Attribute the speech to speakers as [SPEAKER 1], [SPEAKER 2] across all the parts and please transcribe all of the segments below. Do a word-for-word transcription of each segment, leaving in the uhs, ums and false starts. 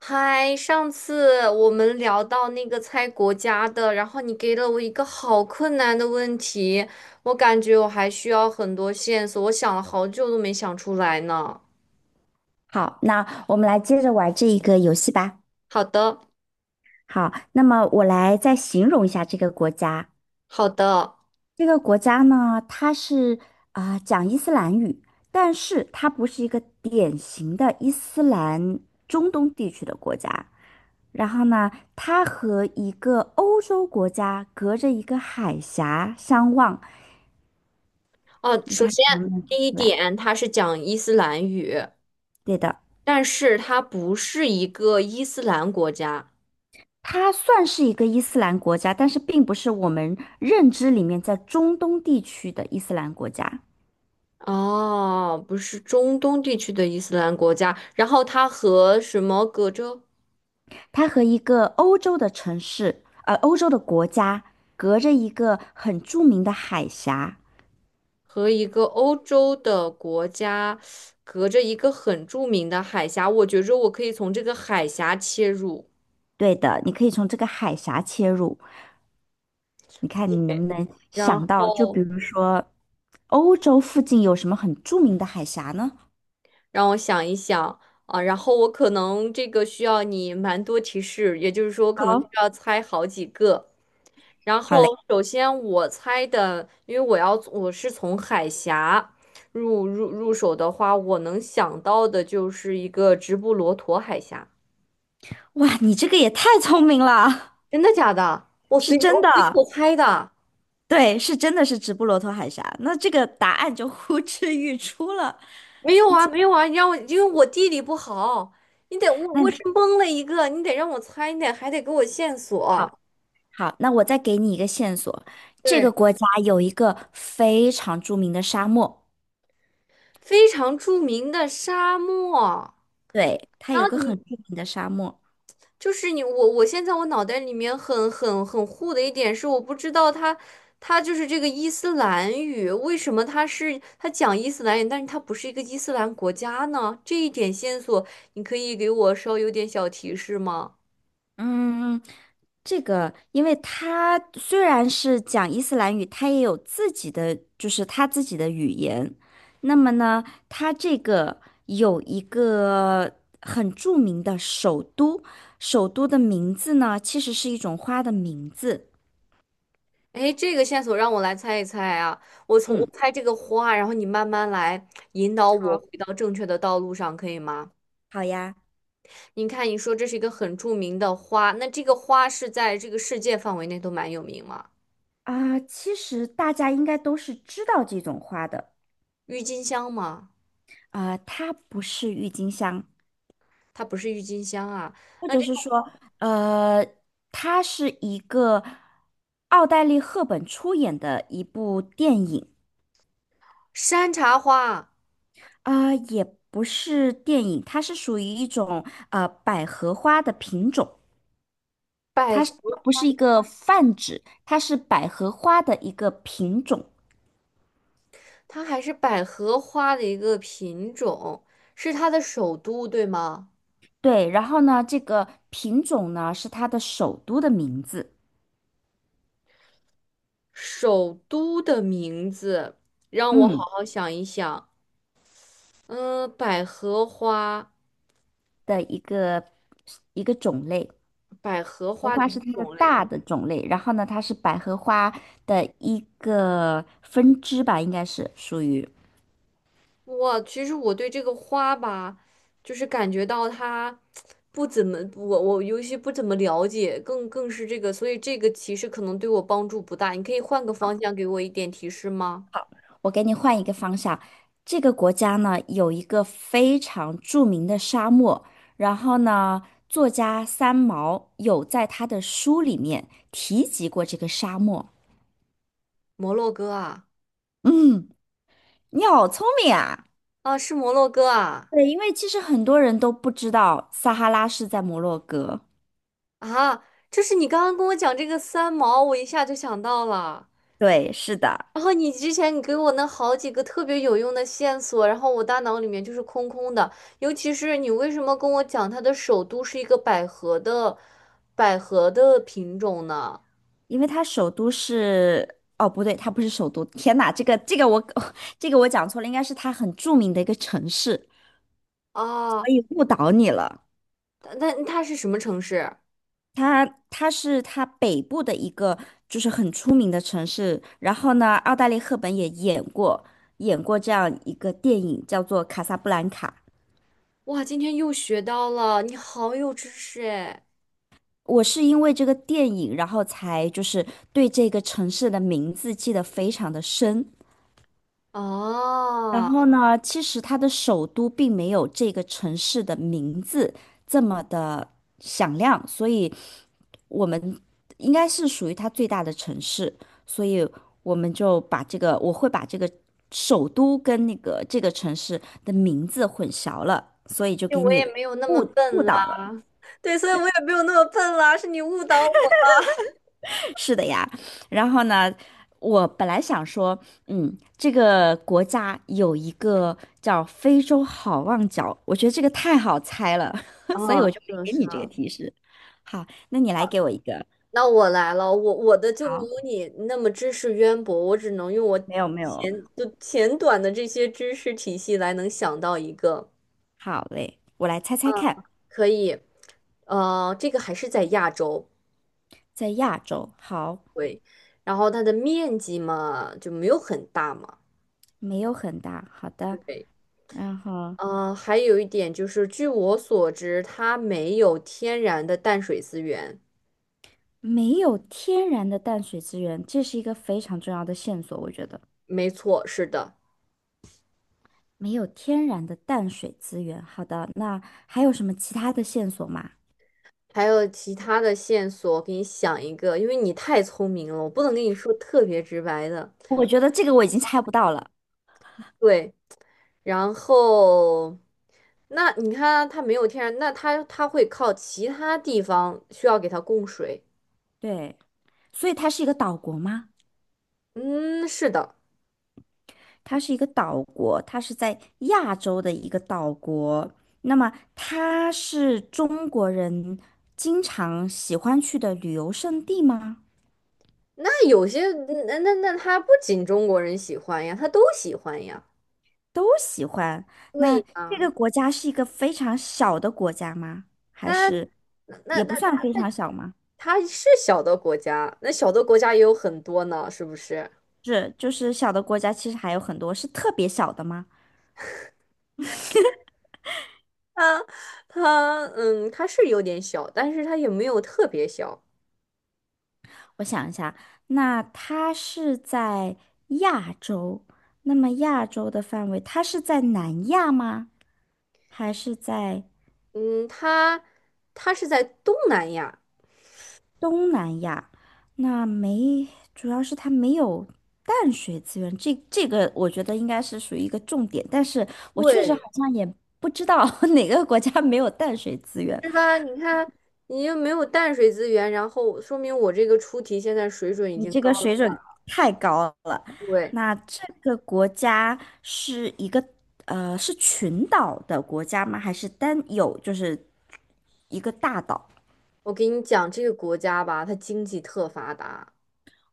[SPEAKER 1] 嗨，上次我们聊到那个猜国家的，然后你给了我一个好困难的问题，我感觉我还需要很多线索，我想了好久都没想出来呢。
[SPEAKER 2] 好，那我们来接着玩这一个游戏吧。
[SPEAKER 1] 好的，
[SPEAKER 2] 好，那么我来再形容一下这个国家。
[SPEAKER 1] 好的。
[SPEAKER 2] 这个国家呢，它是啊、讲伊斯兰语，但是它不是一个典型的伊斯兰中东地区的国家。然后呢，它和一个欧洲国家隔着一个海峡相望。
[SPEAKER 1] 哦，
[SPEAKER 2] 你
[SPEAKER 1] 首
[SPEAKER 2] 看
[SPEAKER 1] 先
[SPEAKER 2] 能不能看
[SPEAKER 1] 第一
[SPEAKER 2] 出来？
[SPEAKER 1] 点，它是讲伊斯兰语，
[SPEAKER 2] 对的。
[SPEAKER 1] 但是它不是一个伊斯兰国家。
[SPEAKER 2] 它算是一个伊斯兰国家，但是并不是我们认知里面在中东地区的伊斯兰国家。
[SPEAKER 1] 哦，不是中东地区的伊斯兰国家，然后它和什么隔着？
[SPEAKER 2] 它和一个欧洲的城市，呃，欧洲的国家隔着一个很著名的海峡。
[SPEAKER 1] 和一个欧洲的国家隔着一个很著名的海峡，我觉着我可以从这个海峡切入，
[SPEAKER 2] 对的，你可以从这个海峡切入。你看你能不能
[SPEAKER 1] 然
[SPEAKER 2] 想到，就
[SPEAKER 1] 后
[SPEAKER 2] 比如说欧洲附近有什么很著名的海峡呢？
[SPEAKER 1] 让我想一想啊，然后我可能这个需要你蛮多提示，也就是说我可能需
[SPEAKER 2] 好，
[SPEAKER 1] 要猜好几个。然后
[SPEAKER 2] 好嘞，
[SPEAKER 1] 首先我猜的，因为我要我是从海峡入入入手的话，我能想到的就是一个直布罗陀海峡，
[SPEAKER 2] 哇，你这个也太聪明了，
[SPEAKER 1] 真的假的？我
[SPEAKER 2] 是
[SPEAKER 1] 随便
[SPEAKER 2] 真
[SPEAKER 1] 我随
[SPEAKER 2] 的。
[SPEAKER 1] 口猜的。
[SPEAKER 2] 对，是真的是直布罗陀海峡，那这个答案就呼之欲出了。
[SPEAKER 1] 没有啊，没有啊，你让我，因为我地理不好，你得我我是
[SPEAKER 2] 嗯，
[SPEAKER 1] 蒙了一个，你得让我猜，你得还得给我线索。
[SPEAKER 2] 好，好，那我再给你一个线索，这个
[SPEAKER 1] 对，
[SPEAKER 2] 国家有一个非常著名的沙漠，
[SPEAKER 1] 非常著名的沙漠。
[SPEAKER 2] 对，它
[SPEAKER 1] 然
[SPEAKER 2] 有
[SPEAKER 1] 后
[SPEAKER 2] 个很
[SPEAKER 1] 你
[SPEAKER 2] 著名的沙漠。
[SPEAKER 1] 就是你，我我现在我脑袋里面很很很糊的一点是，我不知道它它就是这个伊斯兰语，为什么它是它讲伊斯兰语，但是它不是一个伊斯兰国家呢？这一点线索，你可以给我稍有点小提示吗？
[SPEAKER 2] 嗯，这个，因为他虽然是讲伊斯兰语，他也有自己的，就是他自己的语言。那么呢，他这个有一个很著名的首都，首都的名字呢，其实是一种花的名字。
[SPEAKER 1] 哎，这个线索让我来猜一猜啊！我从我
[SPEAKER 2] 嗯，
[SPEAKER 1] 猜这个花，然后你慢慢来引导我
[SPEAKER 2] 好，
[SPEAKER 1] 回到正确的道路上，可以吗？
[SPEAKER 2] 好呀。
[SPEAKER 1] 你看，你说这是一个很著名的花，那这个花是在这个世界范围内都蛮有名吗？
[SPEAKER 2] 啊、其实大家应该都是知道这种花的。
[SPEAKER 1] 郁金香吗？
[SPEAKER 2] 啊、它不是郁金香，
[SPEAKER 1] 它不是郁金香啊。
[SPEAKER 2] 或
[SPEAKER 1] 那
[SPEAKER 2] 者
[SPEAKER 1] 这个
[SPEAKER 2] 是说，呃，它是一个奥黛丽·赫本出演的一部电影
[SPEAKER 1] 山茶花、
[SPEAKER 2] 啊、也不是电影，它是属于一种呃百合花的品种，
[SPEAKER 1] 百
[SPEAKER 2] 它
[SPEAKER 1] 合，
[SPEAKER 2] 是它不是一个泛指，它是百合花的一个品种。
[SPEAKER 1] 它还是百合花的一个品种，是它的首都，对吗？
[SPEAKER 2] 对，然后呢，这个品种呢是它的首都的名字，
[SPEAKER 1] 首都的名字，让我好
[SPEAKER 2] 嗯，
[SPEAKER 1] 好想一想。嗯，百合花，
[SPEAKER 2] 的一个一个种类。
[SPEAKER 1] 百合
[SPEAKER 2] 荷
[SPEAKER 1] 花的
[SPEAKER 2] 花
[SPEAKER 1] 一
[SPEAKER 2] 是
[SPEAKER 1] 个
[SPEAKER 2] 它的
[SPEAKER 1] 种类。
[SPEAKER 2] 大的种类，然后呢，它是百合花的一个分支吧，应该是属于。
[SPEAKER 1] 我其实我对这个花吧，就是感觉到它不怎么，我我尤其不怎么了解，更更是这个，所以这个其实可能对我帮助不大。你可以换个方向给我一点提示吗？
[SPEAKER 2] 我给你换一个方向，这个国家呢有一个非常著名的沙漠，然后呢，作家三毛有在他的书里面提及过这个沙漠。
[SPEAKER 1] 摩洛哥啊，
[SPEAKER 2] 嗯，你好聪明啊！
[SPEAKER 1] 啊，是摩洛哥啊，
[SPEAKER 2] 对，因为其实很多人都不知道撒哈拉是在摩洛哥。
[SPEAKER 1] 啊，就是你刚刚跟我讲这个三毛，我一下就想到了。
[SPEAKER 2] 对，是的。
[SPEAKER 1] 然后你之前你给我那好几个特别有用的线索，然后我大脑里面就是空空的。尤其是你为什么跟我讲它的首都是一个百合的百合的品种呢？
[SPEAKER 2] 因为它首都是，哦，不对，它不是首都。天哪，这个这个我 这个我讲错了，应该是它很著名的一个城市。
[SPEAKER 1] 啊，
[SPEAKER 2] 可以误导你了，
[SPEAKER 1] 它那它是什么城市？
[SPEAKER 2] 它它是它北部的一个就是很出名的城市。然后呢，奥黛丽·赫本也演过演过这样一个电影，叫做《卡萨布兰卡》。
[SPEAKER 1] 哇，今天又学到了，你好有知识哎！
[SPEAKER 2] 我是因为这个电影，然后才就是对这个城市的名字记得非常的深。然
[SPEAKER 1] 啊，
[SPEAKER 2] 后呢，其实它的首都并没有这个城市的名字这么的响亮，所以我们应该是属于它最大的城市，所以我们就把这个，我会把这个首都跟那个这个城市的名字混淆了，所以就
[SPEAKER 1] 对
[SPEAKER 2] 给
[SPEAKER 1] 我也
[SPEAKER 2] 你
[SPEAKER 1] 没有那么
[SPEAKER 2] 误误
[SPEAKER 1] 笨
[SPEAKER 2] 导
[SPEAKER 1] 啦，
[SPEAKER 2] 了。
[SPEAKER 1] 对，所以我也没有那么笨啦，是你误导我。
[SPEAKER 2] 是的呀，然后呢，我本来想说，嗯，这个国家有一个叫非洲好望角，我觉得这个太好猜了，所以
[SPEAKER 1] 啊，
[SPEAKER 2] 我就
[SPEAKER 1] 是的，
[SPEAKER 2] 没给
[SPEAKER 1] 是
[SPEAKER 2] 你这
[SPEAKER 1] 的
[SPEAKER 2] 个提示。好，那你来给我一个。
[SPEAKER 1] 那我来了，我我的就没
[SPEAKER 2] 好，
[SPEAKER 1] 有你那么知识渊博，我只能用我
[SPEAKER 2] 没有没有，
[SPEAKER 1] 浅就浅短的这些知识体系来能想到一个，
[SPEAKER 2] 好嘞，我来猜猜
[SPEAKER 1] 嗯，
[SPEAKER 2] 看，
[SPEAKER 1] 可以，呃，这个还是在亚洲，
[SPEAKER 2] 在亚洲，好，
[SPEAKER 1] 对，然后它的面积嘛就没有很大嘛，
[SPEAKER 2] 没有很大，好的，
[SPEAKER 1] 对，
[SPEAKER 2] 然后
[SPEAKER 1] 呃，还有一点就是，据我所知，它没有天然的淡水资源，
[SPEAKER 2] 没有天然的淡水资源，这是一个非常重要的线索，我觉得。
[SPEAKER 1] 没错，是的。
[SPEAKER 2] 没有天然的淡水资源。好的，那还有什么其他的线索吗？
[SPEAKER 1] 还有其他的线索，我给你想一个，因为你太聪明了，我不能跟你说特别直白的。
[SPEAKER 2] 我觉得这个我已经猜不到了。
[SPEAKER 1] 对，然后那你看啊它没有天然，那它它会靠其他地方需要给它供水。
[SPEAKER 2] 对，所以它是一个岛国吗？
[SPEAKER 1] 嗯，是的。
[SPEAKER 2] 它是一个岛国，它是在亚洲的一个岛国。那么它是中国人经常喜欢去的旅游胜地吗？
[SPEAKER 1] 那有些嗯那那那它不仅中国人喜欢呀，它都喜欢呀。
[SPEAKER 2] 都喜欢。那
[SPEAKER 1] 对
[SPEAKER 2] 这
[SPEAKER 1] 呀，
[SPEAKER 2] 个国家是一个非常小的国家吗？还
[SPEAKER 1] 它
[SPEAKER 2] 是
[SPEAKER 1] 那
[SPEAKER 2] 也
[SPEAKER 1] 那
[SPEAKER 2] 不算非常小吗？
[SPEAKER 1] 它是小的国家，那小的国家也有很多呢，是不是？
[SPEAKER 2] 是，就是小的国家其实还有很多，是特别小的吗？
[SPEAKER 1] 它嗯，它是有点小，但是它也没有特别小。
[SPEAKER 2] 我想一下，那它是在亚洲，那么亚洲的范围，它是在南亚吗？还是在
[SPEAKER 1] 嗯，它它是在东南亚，
[SPEAKER 2] 东南亚？那没，主要是它没有淡水资源，这这个我觉得应该是属于一个重点，但是我确实好
[SPEAKER 1] 对，
[SPEAKER 2] 像也不知道 哪个国家没有淡水资源。
[SPEAKER 1] 是吧？你看，你又没有淡水资源，然后说明我这个出题现在水准已
[SPEAKER 2] 你
[SPEAKER 1] 经
[SPEAKER 2] 这
[SPEAKER 1] 高
[SPEAKER 2] 个
[SPEAKER 1] 了。
[SPEAKER 2] 水准太高了。
[SPEAKER 1] 对，
[SPEAKER 2] 那这个国家是一个呃是群岛的国家吗？还是单有就是一个大岛？
[SPEAKER 1] 我给你讲这个国家吧，它经济特发达。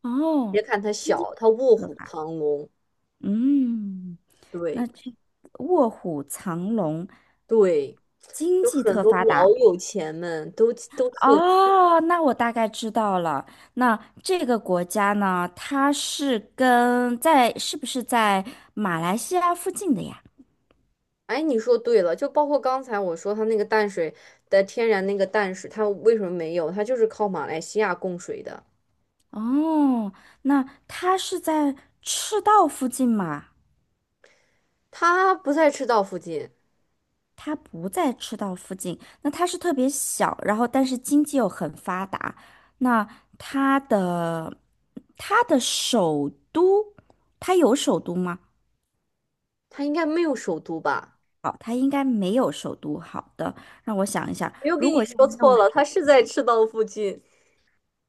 [SPEAKER 2] 哦，
[SPEAKER 1] 别看它
[SPEAKER 2] 金
[SPEAKER 1] 小，它卧
[SPEAKER 2] 合
[SPEAKER 1] 虎
[SPEAKER 2] 法。
[SPEAKER 1] 藏龙。
[SPEAKER 2] 嗯，
[SPEAKER 1] 对
[SPEAKER 2] 那这卧虎藏龙，
[SPEAKER 1] 对，
[SPEAKER 2] 经
[SPEAKER 1] 就
[SPEAKER 2] 济
[SPEAKER 1] 很
[SPEAKER 2] 特
[SPEAKER 1] 多
[SPEAKER 2] 发
[SPEAKER 1] 老
[SPEAKER 2] 达。
[SPEAKER 1] 有钱们都都特
[SPEAKER 2] 哦，那我大概知道了。那这个国家呢，它是跟在是不是在马来西亚附近的呀？
[SPEAKER 1] 哎，你说对了，就包括刚才我说它那个淡水的天然那个淡水，它为什么没有？它就是靠马来西亚供水的，
[SPEAKER 2] 哦，那它是在赤道附近吗？
[SPEAKER 1] 它不在赤道附近，
[SPEAKER 2] 它不在赤道附近，那它是特别小，然后但是经济又很发达。那它的它的首都，它有首都吗？
[SPEAKER 1] 它应该没有首都吧？
[SPEAKER 2] 哦，它应该没有首都。好的，让我想一下，
[SPEAKER 1] 没有给
[SPEAKER 2] 如
[SPEAKER 1] 你
[SPEAKER 2] 果又
[SPEAKER 1] 说
[SPEAKER 2] 没
[SPEAKER 1] 错
[SPEAKER 2] 有
[SPEAKER 1] 了，它
[SPEAKER 2] 首
[SPEAKER 1] 是在赤道附近。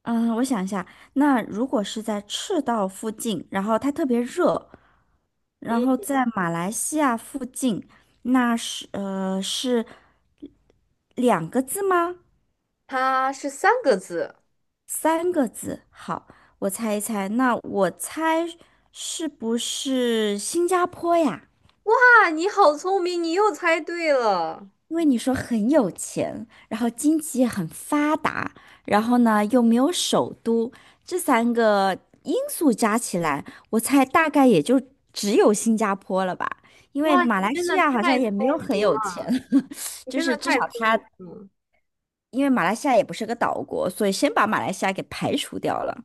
[SPEAKER 2] 嗯，我想一下，那如果是在赤道附近，然后它特别热，然
[SPEAKER 1] 嗯，
[SPEAKER 2] 后在马来西亚附近，那是呃是两个字吗？
[SPEAKER 1] 它是三个字。
[SPEAKER 2] 三个字。好，我猜一猜，那我猜是不是新加坡呀？
[SPEAKER 1] 哇，你好聪明，你又猜对了！
[SPEAKER 2] 因为你说很有钱，然后经济也很发达，然后呢又没有首都，这三个因素加起来，我猜大概也就只有新加坡了吧。因为
[SPEAKER 1] 哇，
[SPEAKER 2] 马
[SPEAKER 1] 你
[SPEAKER 2] 来
[SPEAKER 1] 真
[SPEAKER 2] 西
[SPEAKER 1] 的
[SPEAKER 2] 亚好像
[SPEAKER 1] 太聪
[SPEAKER 2] 也没有很
[SPEAKER 1] 明
[SPEAKER 2] 有钱，
[SPEAKER 1] 了，你
[SPEAKER 2] 就
[SPEAKER 1] 真的
[SPEAKER 2] 是至少
[SPEAKER 1] 太聪
[SPEAKER 2] 它，
[SPEAKER 1] 明了！
[SPEAKER 2] 因为马来西亚也不是个岛国，所以先把马来西亚给排除掉了，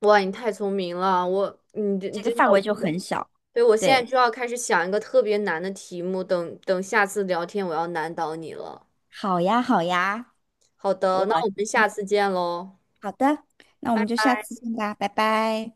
[SPEAKER 1] 哇，你太聪明了，我，你真
[SPEAKER 2] 这个
[SPEAKER 1] 真
[SPEAKER 2] 范
[SPEAKER 1] 的。
[SPEAKER 2] 围就很小。
[SPEAKER 1] 对，我现在
[SPEAKER 2] 对，
[SPEAKER 1] 就要开始想一个特别难的题目，等等下次聊天我要难倒你了。
[SPEAKER 2] 好呀，好呀，
[SPEAKER 1] 好的，
[SPEAKER 2] 我
[SPEAKER 1] 那我们下次见喽。
[SPEAKER 2] 好的，那我们就下次见吧，拜拜。